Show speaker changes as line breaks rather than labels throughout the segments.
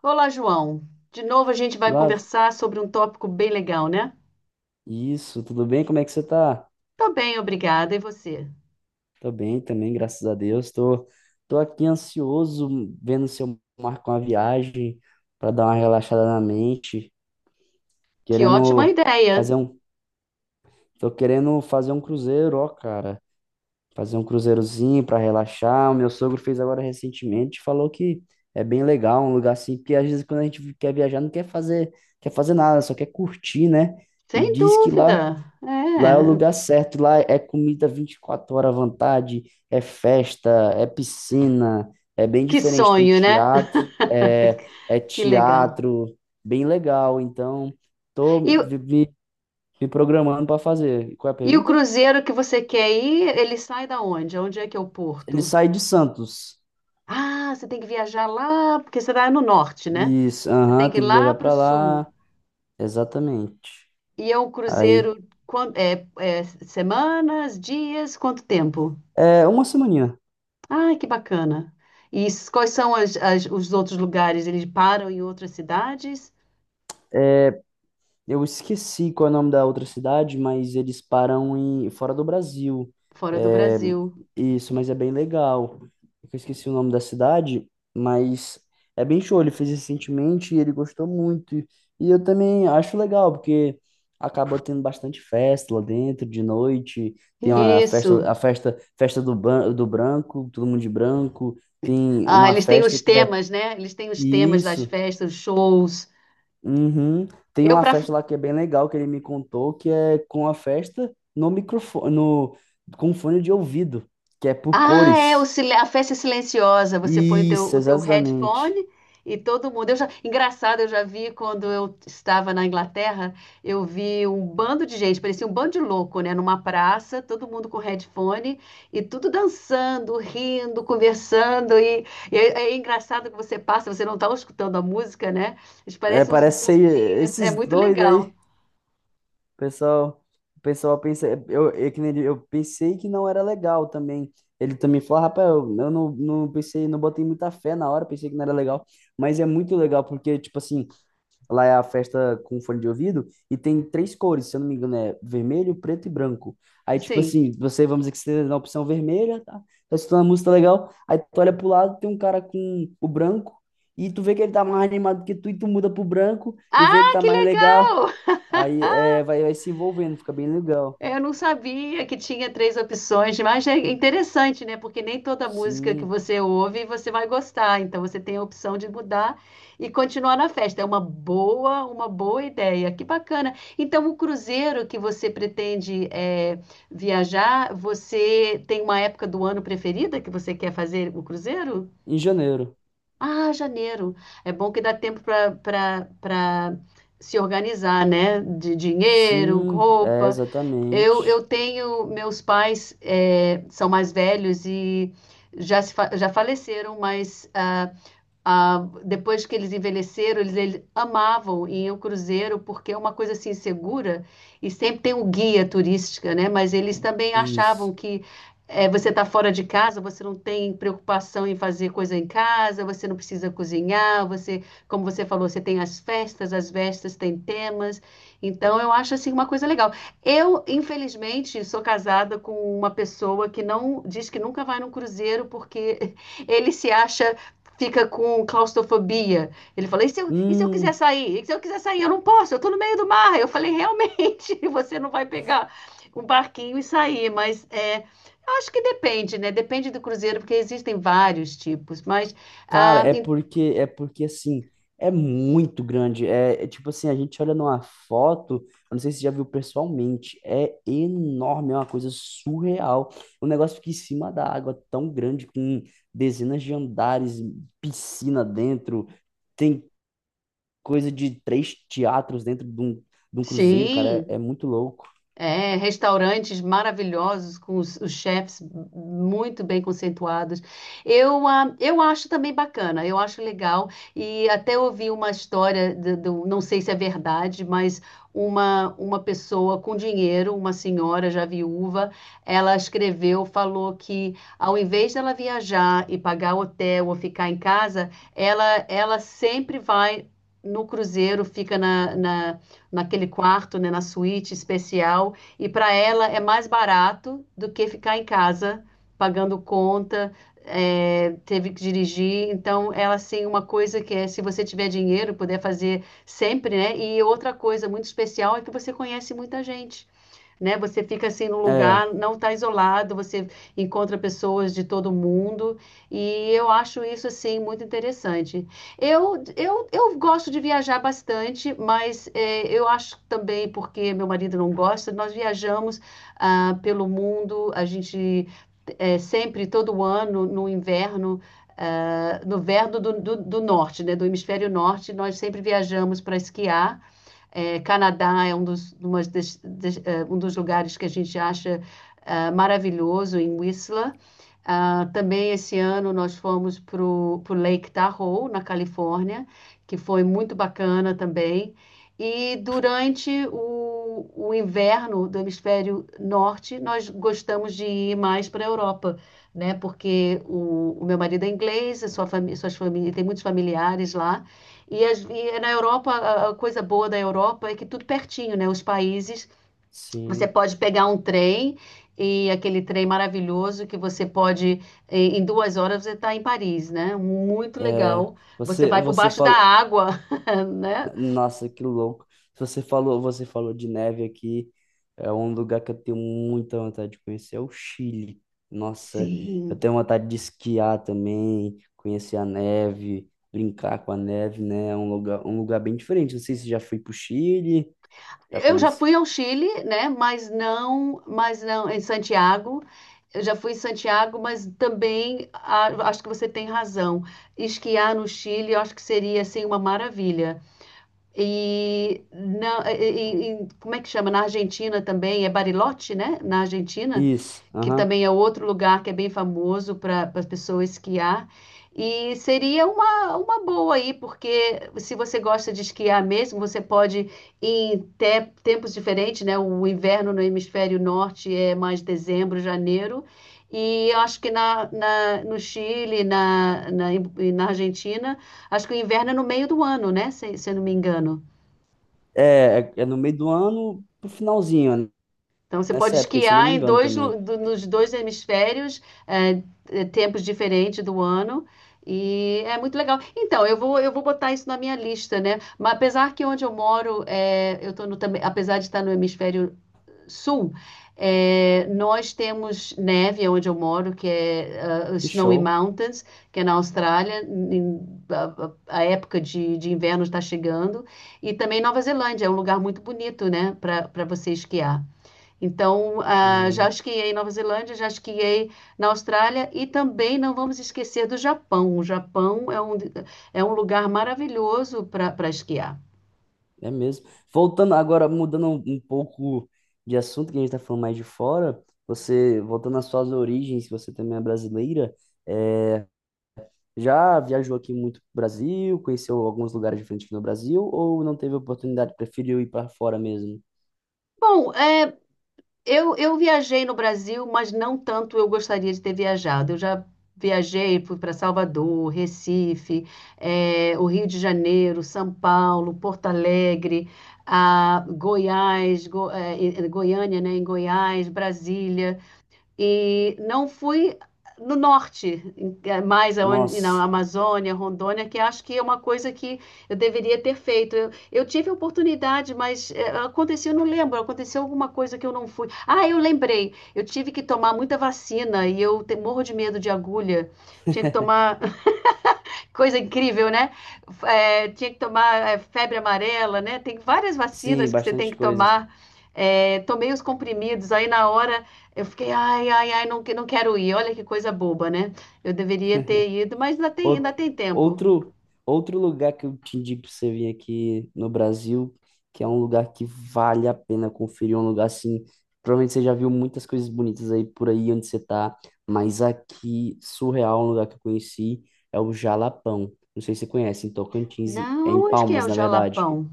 Olá, João. De novo a gente vai
Lá,
conversar sobre um tópico bem legal, né?
isso, tudo bem? Como é que você tá?
Tô bem, obrigada. E você?
Tô bem também, graças a Deus. Tô aqui ansioso, vendo se eu marco uma viagem para dar uma relaxada na mente,
Que ótima
querendo
ideia!
fazer um, tô querendo fazer um cruzeiro, ó, cara. Fazer um cruzeirozinho para relaxar. O meu sogro fez agora recentemente, falou que é bem legal, um lugar assim, porque às vezes quando a gente quer viajar não quer fazer, quer fazer nada, só quer curtir, né? E
Sem
diz que
dúvida.
lá é o
É,
lugar certo, lá é comida 24 horas à vontade, é festa, é piscina, é bem
que
diferente, tem
sonho, né?
teatro, é, é
Que legal.
teatro, bem legal. Então, tô
E, o-
me programando para fazer. Qual é a
e o
pergunta?
cruzeiro que você quer ir, ele sai da onde? Onde é que é o
Ele
porto?
sai de Santos.
Ah, você tem que viajar lá, porque você está no norte, né?
Isso,
Você tem
aham,
que ir
tem que
lá
viajar
para o
para
sul.
lá. Exatamente.
E é um
Aí,
cruzeiro, é, é semanas, dias, quanto tempo?
é uma semaninha.
Ai, que bacana. Quais são os outros lugares? Eles param em outras cidades
Eu esqueci qual é o nome da outra cidade, mas eles param em fora do Brasil.
fora do
É,
Brasil.
isso, mas é bem legal. Eu esqueci o nome da cidade, mas é bem show. Ele fez recentemente e ele gostou muito. E eu também acho legal, porque acaba tendo bastante festa lá dentro de noite. Tem a
Isso.
festa, a festa, festa do branco, todo mundo de branco. Tem
Ah,
uma
eles têm
festa
os
que é
temas, né? Eles têm os temas das
isso.
festas, os shows.
Uhum. Tem
Eu,
uma
para
festa lá que é bem legal, que ele me contou, que é com a festa no microfone, no, com fone de ouvido, que é por
Ah,
cores.
a festa é silenciosa. Você põe
Isso,
o teu headphone
exatamente.
e todo mundo. Eu já, engraçado, eu já vi quando eu estava na Inglaterra, eu vi um bando de gente, parecia um bando de louco, né? Numa praça, todo mundo com headphone e tudo dançando, rindo, conversando. E é, é engraçado que você passa, você não está escutando a música, né? Eles
É,
parecem uns
parece ser
doidinhos. É
esses
muito
doidos
legal.
aí, pessoal. O pessoal pensa, que nem ele- eu pensei que não era legal também. Ele também falou, rapaz, eu não pensei, não botei muita fé na hora, pensei que não era legal. Mas é muito legal, porque, tipo assim, lá é a festa com um fone de ouvido e tem três cores, se eu não me engano, é vermelho, preto e branco. Aí, tipo
Sim.
assim, vamos dizer que você tá na opção vermelha, tá? Tá escutando a música legal, aí tu olha pro lado, tem um cara com o branco e tu vê que ele tá mais animado que tu e tu muda pro branco e vê que
Ah,
tá
que
mais legal.
legal!
Aí é, vai se envolvendo, fica bem legal.
É, eu não sabia que tinha três opções, mas é interessante, né? Porque nem toda música que
Sim,
você ouve você vai gostar. Então você tem a opção de mudar e continuar na festa. É uma boa ideia. Que bacana. Então o cruzeiro que você pretende é, viajar, você tem uma época do ano preferida que você quer fazer o cruzeiro?
em janeiro.
Ah, janeiro. É bom que dá tempo para para se organizar, né? De dinheiro,
Sim, é
roupa.
exatamente
Eu tenho, meus pais são mais velhos e já, se fa- já faleceram, mas ah, depois que eles envelheceram, eles amavam ir ao cruzeiro porque é uma coisa assim segura e sempre tem o guia turística, né? Mas eles também achavam
isso.
que você está fora de casa, você não tem preocupação em fazer coisa em casa, você não precisa cozinhar, você, como você falou, você tem as festas têm temas. Então eu acho assim uma coisa legal. Eu, infelizmente, sou casada com uma pessoa que não diz que nunca vai num cruzeiro porque ele se acha fica com claustrofobia. Ele falou: e se eu quiser
Hum,
sair? E se eu quiser sair? Eu não posso, eu estou no meio do mar. Eu falei: realmente, você não vai pegar um barquinho e sair, mas é, acho que depende, né? Depende do cruzeiro, porque existem vários tipos, mas
Cara,
ah,
é
em-
porque é porque assim, é muito grande. É tipo assim, a gente olha numa foto, eu não sei se você já viu pessoalmente, é enorme, é uma coisa surreal. Um negócio fica em cima da água, tão grande, com dezenas de andares, piscina dentro, tem coisa de três teatros dentro de um cruzeiro, cara,
sim,
é muito louco.
é, restaurantes maravilhosos, com os chefs muito bem conceituados. Eu, eu acho também bacana, eu acho legal. E até ouvi uma história, não sei se é verdade, mas uma pessoa com dinheiro, uma senhora já viúva, ela escreveu, falou que ao invés dela viajar e pagar hotel ou ficar em casa, ela sempre vai no cruzeiro, fica na naquele quarto, né, na suíte especial e para ela é mais barato do que ficar em casa pagando conta, é, teve que dirigir. Então, ela assim, uma coisa que é, se você tiver dinheiro, puder fazer sempre, né? E outra coisa muito especial é que você conhece muita gente né? Você fica assim no lugar,
É,
não está isolado, você encontra pessoas de todo mundo e eu acho isso assim muito interessante. Eu gosto de viajar bastante, mas eu acho também porque meu marido não gosta, nós viajamos pelo mundo, a gente sempre todo ano no inverno no verão do norte, né, do hemisfério norte, nós sempre viajamos para esquiar é, Canadá é um dos, uma das, das um dos lugares que a gente acha maravilhoso, em Whistler. Ah, também esse ano nós fomos para o Lake Tahoe, na Califórnia, que foi muito bacana também. E durante o inverno do hemisfério norte, nós gostamos de ir mais para a Europa, né? Porque o meu marido é inglês, a sua família, tem muitos familiares lá. E na Europa, a coisa boa da Europa é que tudo pertinho, né? Os países você
sim.
pode pegar um trem e aquele trem maravilhoso que você pode, em duas horas, você está em Paris, né? Muito
É,
legal. Você
você
vai por
você
baixo da
falou.
água, né?
Nossa, que louco. Você falou de neve aqui. É um lugar que eu tenho muita vontade de conhecer, é o Chile. Nossa, eu
Sim.
tenho vontade de esquiar também, conhecer a neve, brincar com a neve, né? É um lugar bem diferente. Não sei se já fui pro Chile, já
Eu já
conheço.
fui ao Chile, né? Mas não, em Santiago. Eu já fui em Santiago, mas também acho que você tem razão. Esquiar no Chile, eu acho que seria assim uma maravilha. E, não, e como é que chama? Na Argentina também, é Bariloche, né? Na Argentina,
Isso,
que
aham.
também é outro lugar que é bem famoso para as pessoas esquiar. E seria uma boa aí, porque se você gosta de esquiar mesmo, você pode ir em tempos diferentes, né? O inverno no hemisfério norte é mais dezembro, janeiro. E eu acho que no Chile, e na Argentina, acho que o inverno é no meio do ano, né? Se eu não me engano.
É no meio do ano, pro finalzinho, né?
Então, você pode
Nessa época, se eu não
esquiar
me
em
engano
dois,
também.
nos dois hemisférios, é, é, tempos diferentes do ano, e é muito legal. Então, eu vou botar isso na minha lista, né? Mas apesar que onde eu moro, é, eu tô no, também, apesar de estar no hemisfério sul, é, nós temos neve onde eu moro, que é
Que
Snowy
show.
Mountains, que é na Austrália, a, a época de inverno está chegando, e também Nova Zelândia, é um lugar muito bonito, né, para para você esquiar. Então, já esquiei em Nova Zelândia, já esquiei na Austrália e também não vamos esquecer do Japão. O Japão é um lugar maravilhoso para esquiar.
É mesmo. Voltando agora, mudando um pouco de assunto, que a gente está falando mais de fora, você, voltando às suas origens, você também é brasileira, é, já viajou aqui muito pro Brasil, conheceu alguns lugares diferentes aqui no Brasil, ou não teve oportunidade, preferiu ir para fora mesmo?
Bom, é, eu viajei no Brasil, mas não tanto eu gostaria de ter viajado. Eu já viajei, fui para Salvador, Recife, é, o Rio de Janeiro, São Paulo, Porto Alegre, Goiás, em Goiânia, né, em Goiás, Brasília. E não fui no norte, mais na
Nossa,
Amazônia, Rondônia, que acho que é uma coisa que eu deveria ter feito. Eu tive a oportunidade, mas aconteceu, eu não lembro, aconteceu alguma coisa que eu não fui. Ah, eu lembrei, eu tive que tomar muita vacina e eu morro de medo de agulha. Tinha que tomar Coisa incrível, né? É, tinha que tomar é, febre amarela, né? Tem várias
sim,
vacinas que você tem
bastante
que
coisa.
tomar. É, tomei os comprimidos, aí na hora eu fiquei, ai, ai, ai, não, não quero ir. Olha que coisa boba, né? Eu deveria ter ido, mas ainda
Out-
tem tempo.
Outro, outro lugar que eu te indico pra você vir aqui no Brasil, que é um lugar que vale a pena conferir, um lugar assim, provavelmente você já viu muitas coisas bonitas aí por aí onde você tá, mas aqui, surreal, um lugar que eu conheci, é o Jalapão. Não sei se você conhece, em Tocantins, é em
Não, onde que é
Palmas,
o
na verdade,
Jalapão?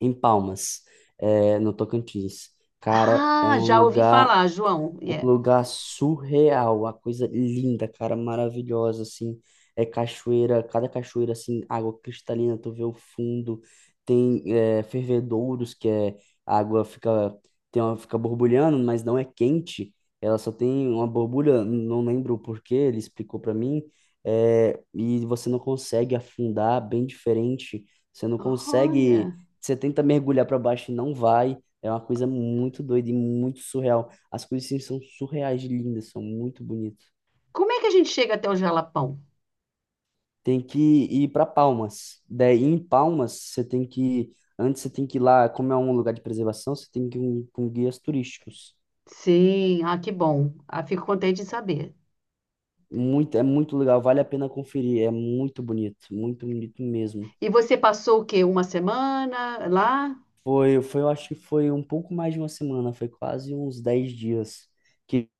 em Palmas, é, no Tocantins. Cara, é
Ah,
um
já ouvi
lugar
falar, João.
um
Yeah.
lugar surreal, uma coisa linda, cara, maravilhosa, assim. É cachoeira, cada cachoeira, assim, água cristalina, tu vê o fundo. Tem é, fervedouros, que é a água fica, tem uma, fica borbulhando, mas não é quente. Ela só tem uma borbulha, não lembro o porquê, ele explicou pra mim. É, e você não consegue afundar, bem diferente. Você não consegue,
Olha,
você tenta mergulhar pra baixo e não vai. É uma coisa muito doida e muito surreal. As coisas assim, são surreais de lindas, são muito bonitas.
como é que a gente chega até o Jalapão?
Tem que ir para Palmas. Daí em Palmas, você tem que. Antes você tem que ir lá, como é um lugar de preservação, você tem que ir com guias turísticos.
Sim, ah, que bom. Ah, fico contente em saber.
Muito, é muito legal, vale a pena conferir. É muito bonito mesmo.
E você passou o quê? Uma semana lá?
Foi, eu acho que foi um pouco mais de uma semana, foi quase uns 10 dias que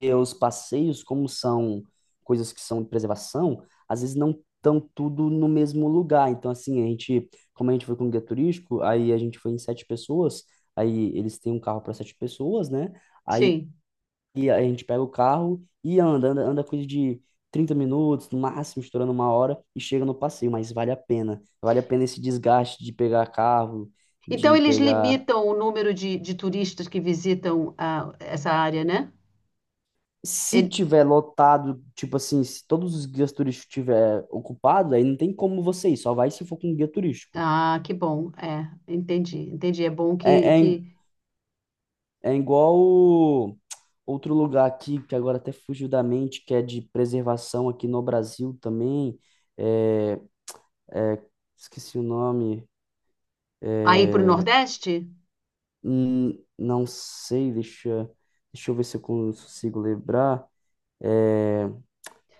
porque os passeios, como são coisas que são de preservação, às vezes não estão tudo no mesmo lugar. Então, assim, como a gente foi com o guia turístico, aí a gente foi em sete pessoas, aí eles têm um carro para sete pessoas, né? Aí
Sim.
a gente pega o carro e anda, anda, anda coisa de 30 minutos, no máximo, estourando uma hora, e chega no passeio, mas vale a pena. Vale a pena esse desgaste de pegar carro,
Então
de
eles
pegar.
limitam o número de turistas que visitam essa área, né?
Se
Ele-
tiver lotado, tipo assim, se todos os guias turísticos tiver ocupado, aí não tem como você ir, só vai se for com um guia turístico.
Ah, que bom. É, entendi, entendi. É bom
É, é,
que...
é igual outro lugar aqui, que agora até fugiu da mente, que é de preservação aqui no Brasil também. É, é, esqueci o nome.
aí para o
É,
Nordeste?
não sei, deixa eu ver se eu consigo lembrar. É,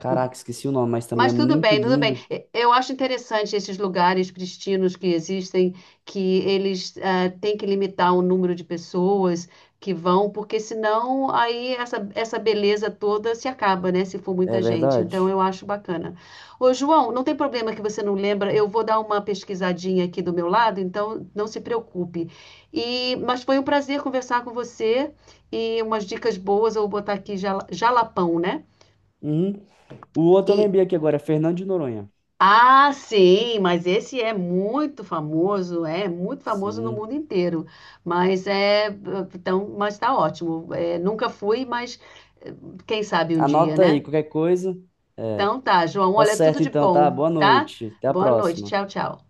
caraca, esqueci o nome, mas também
Mas
é
tudo
muito
bem, tudo bem.
lindo,
Eu acho interessante esses lugares pristinos que existem, que eles têm que limitar o número de pessoas que vão, porque senão aí essa beleza toda se acaba, né? Se for
é
muita gente. Então
verdade?
eu acho bacana. Ô, João, não tem problema que você não lembra, eu vou dar uma pesquisadinha aqui do meu lado, então não se preocupe. E, mas foi um prazer conversar com você e umas dicas boas, eu vou botar aqui Jalapão, né?
Uhum. O outro eu
E
lembrei aqui agora, é Fernando de Noronha.
Ah, sim, mas esse é muito famoso no
Sim.
mundo inteiro. Mas é, então, mas tá ótimo. É, nunca fui, mas eh, quem sabe um dia,
Anota aí,
né?
qualquer coisa.
Então tá, João,
Tá
olha, tudo
certo
de
então, tá?
bom,
Boa
tá?
noite. Até a
Boa noite,
próxima.
tchau, tchau.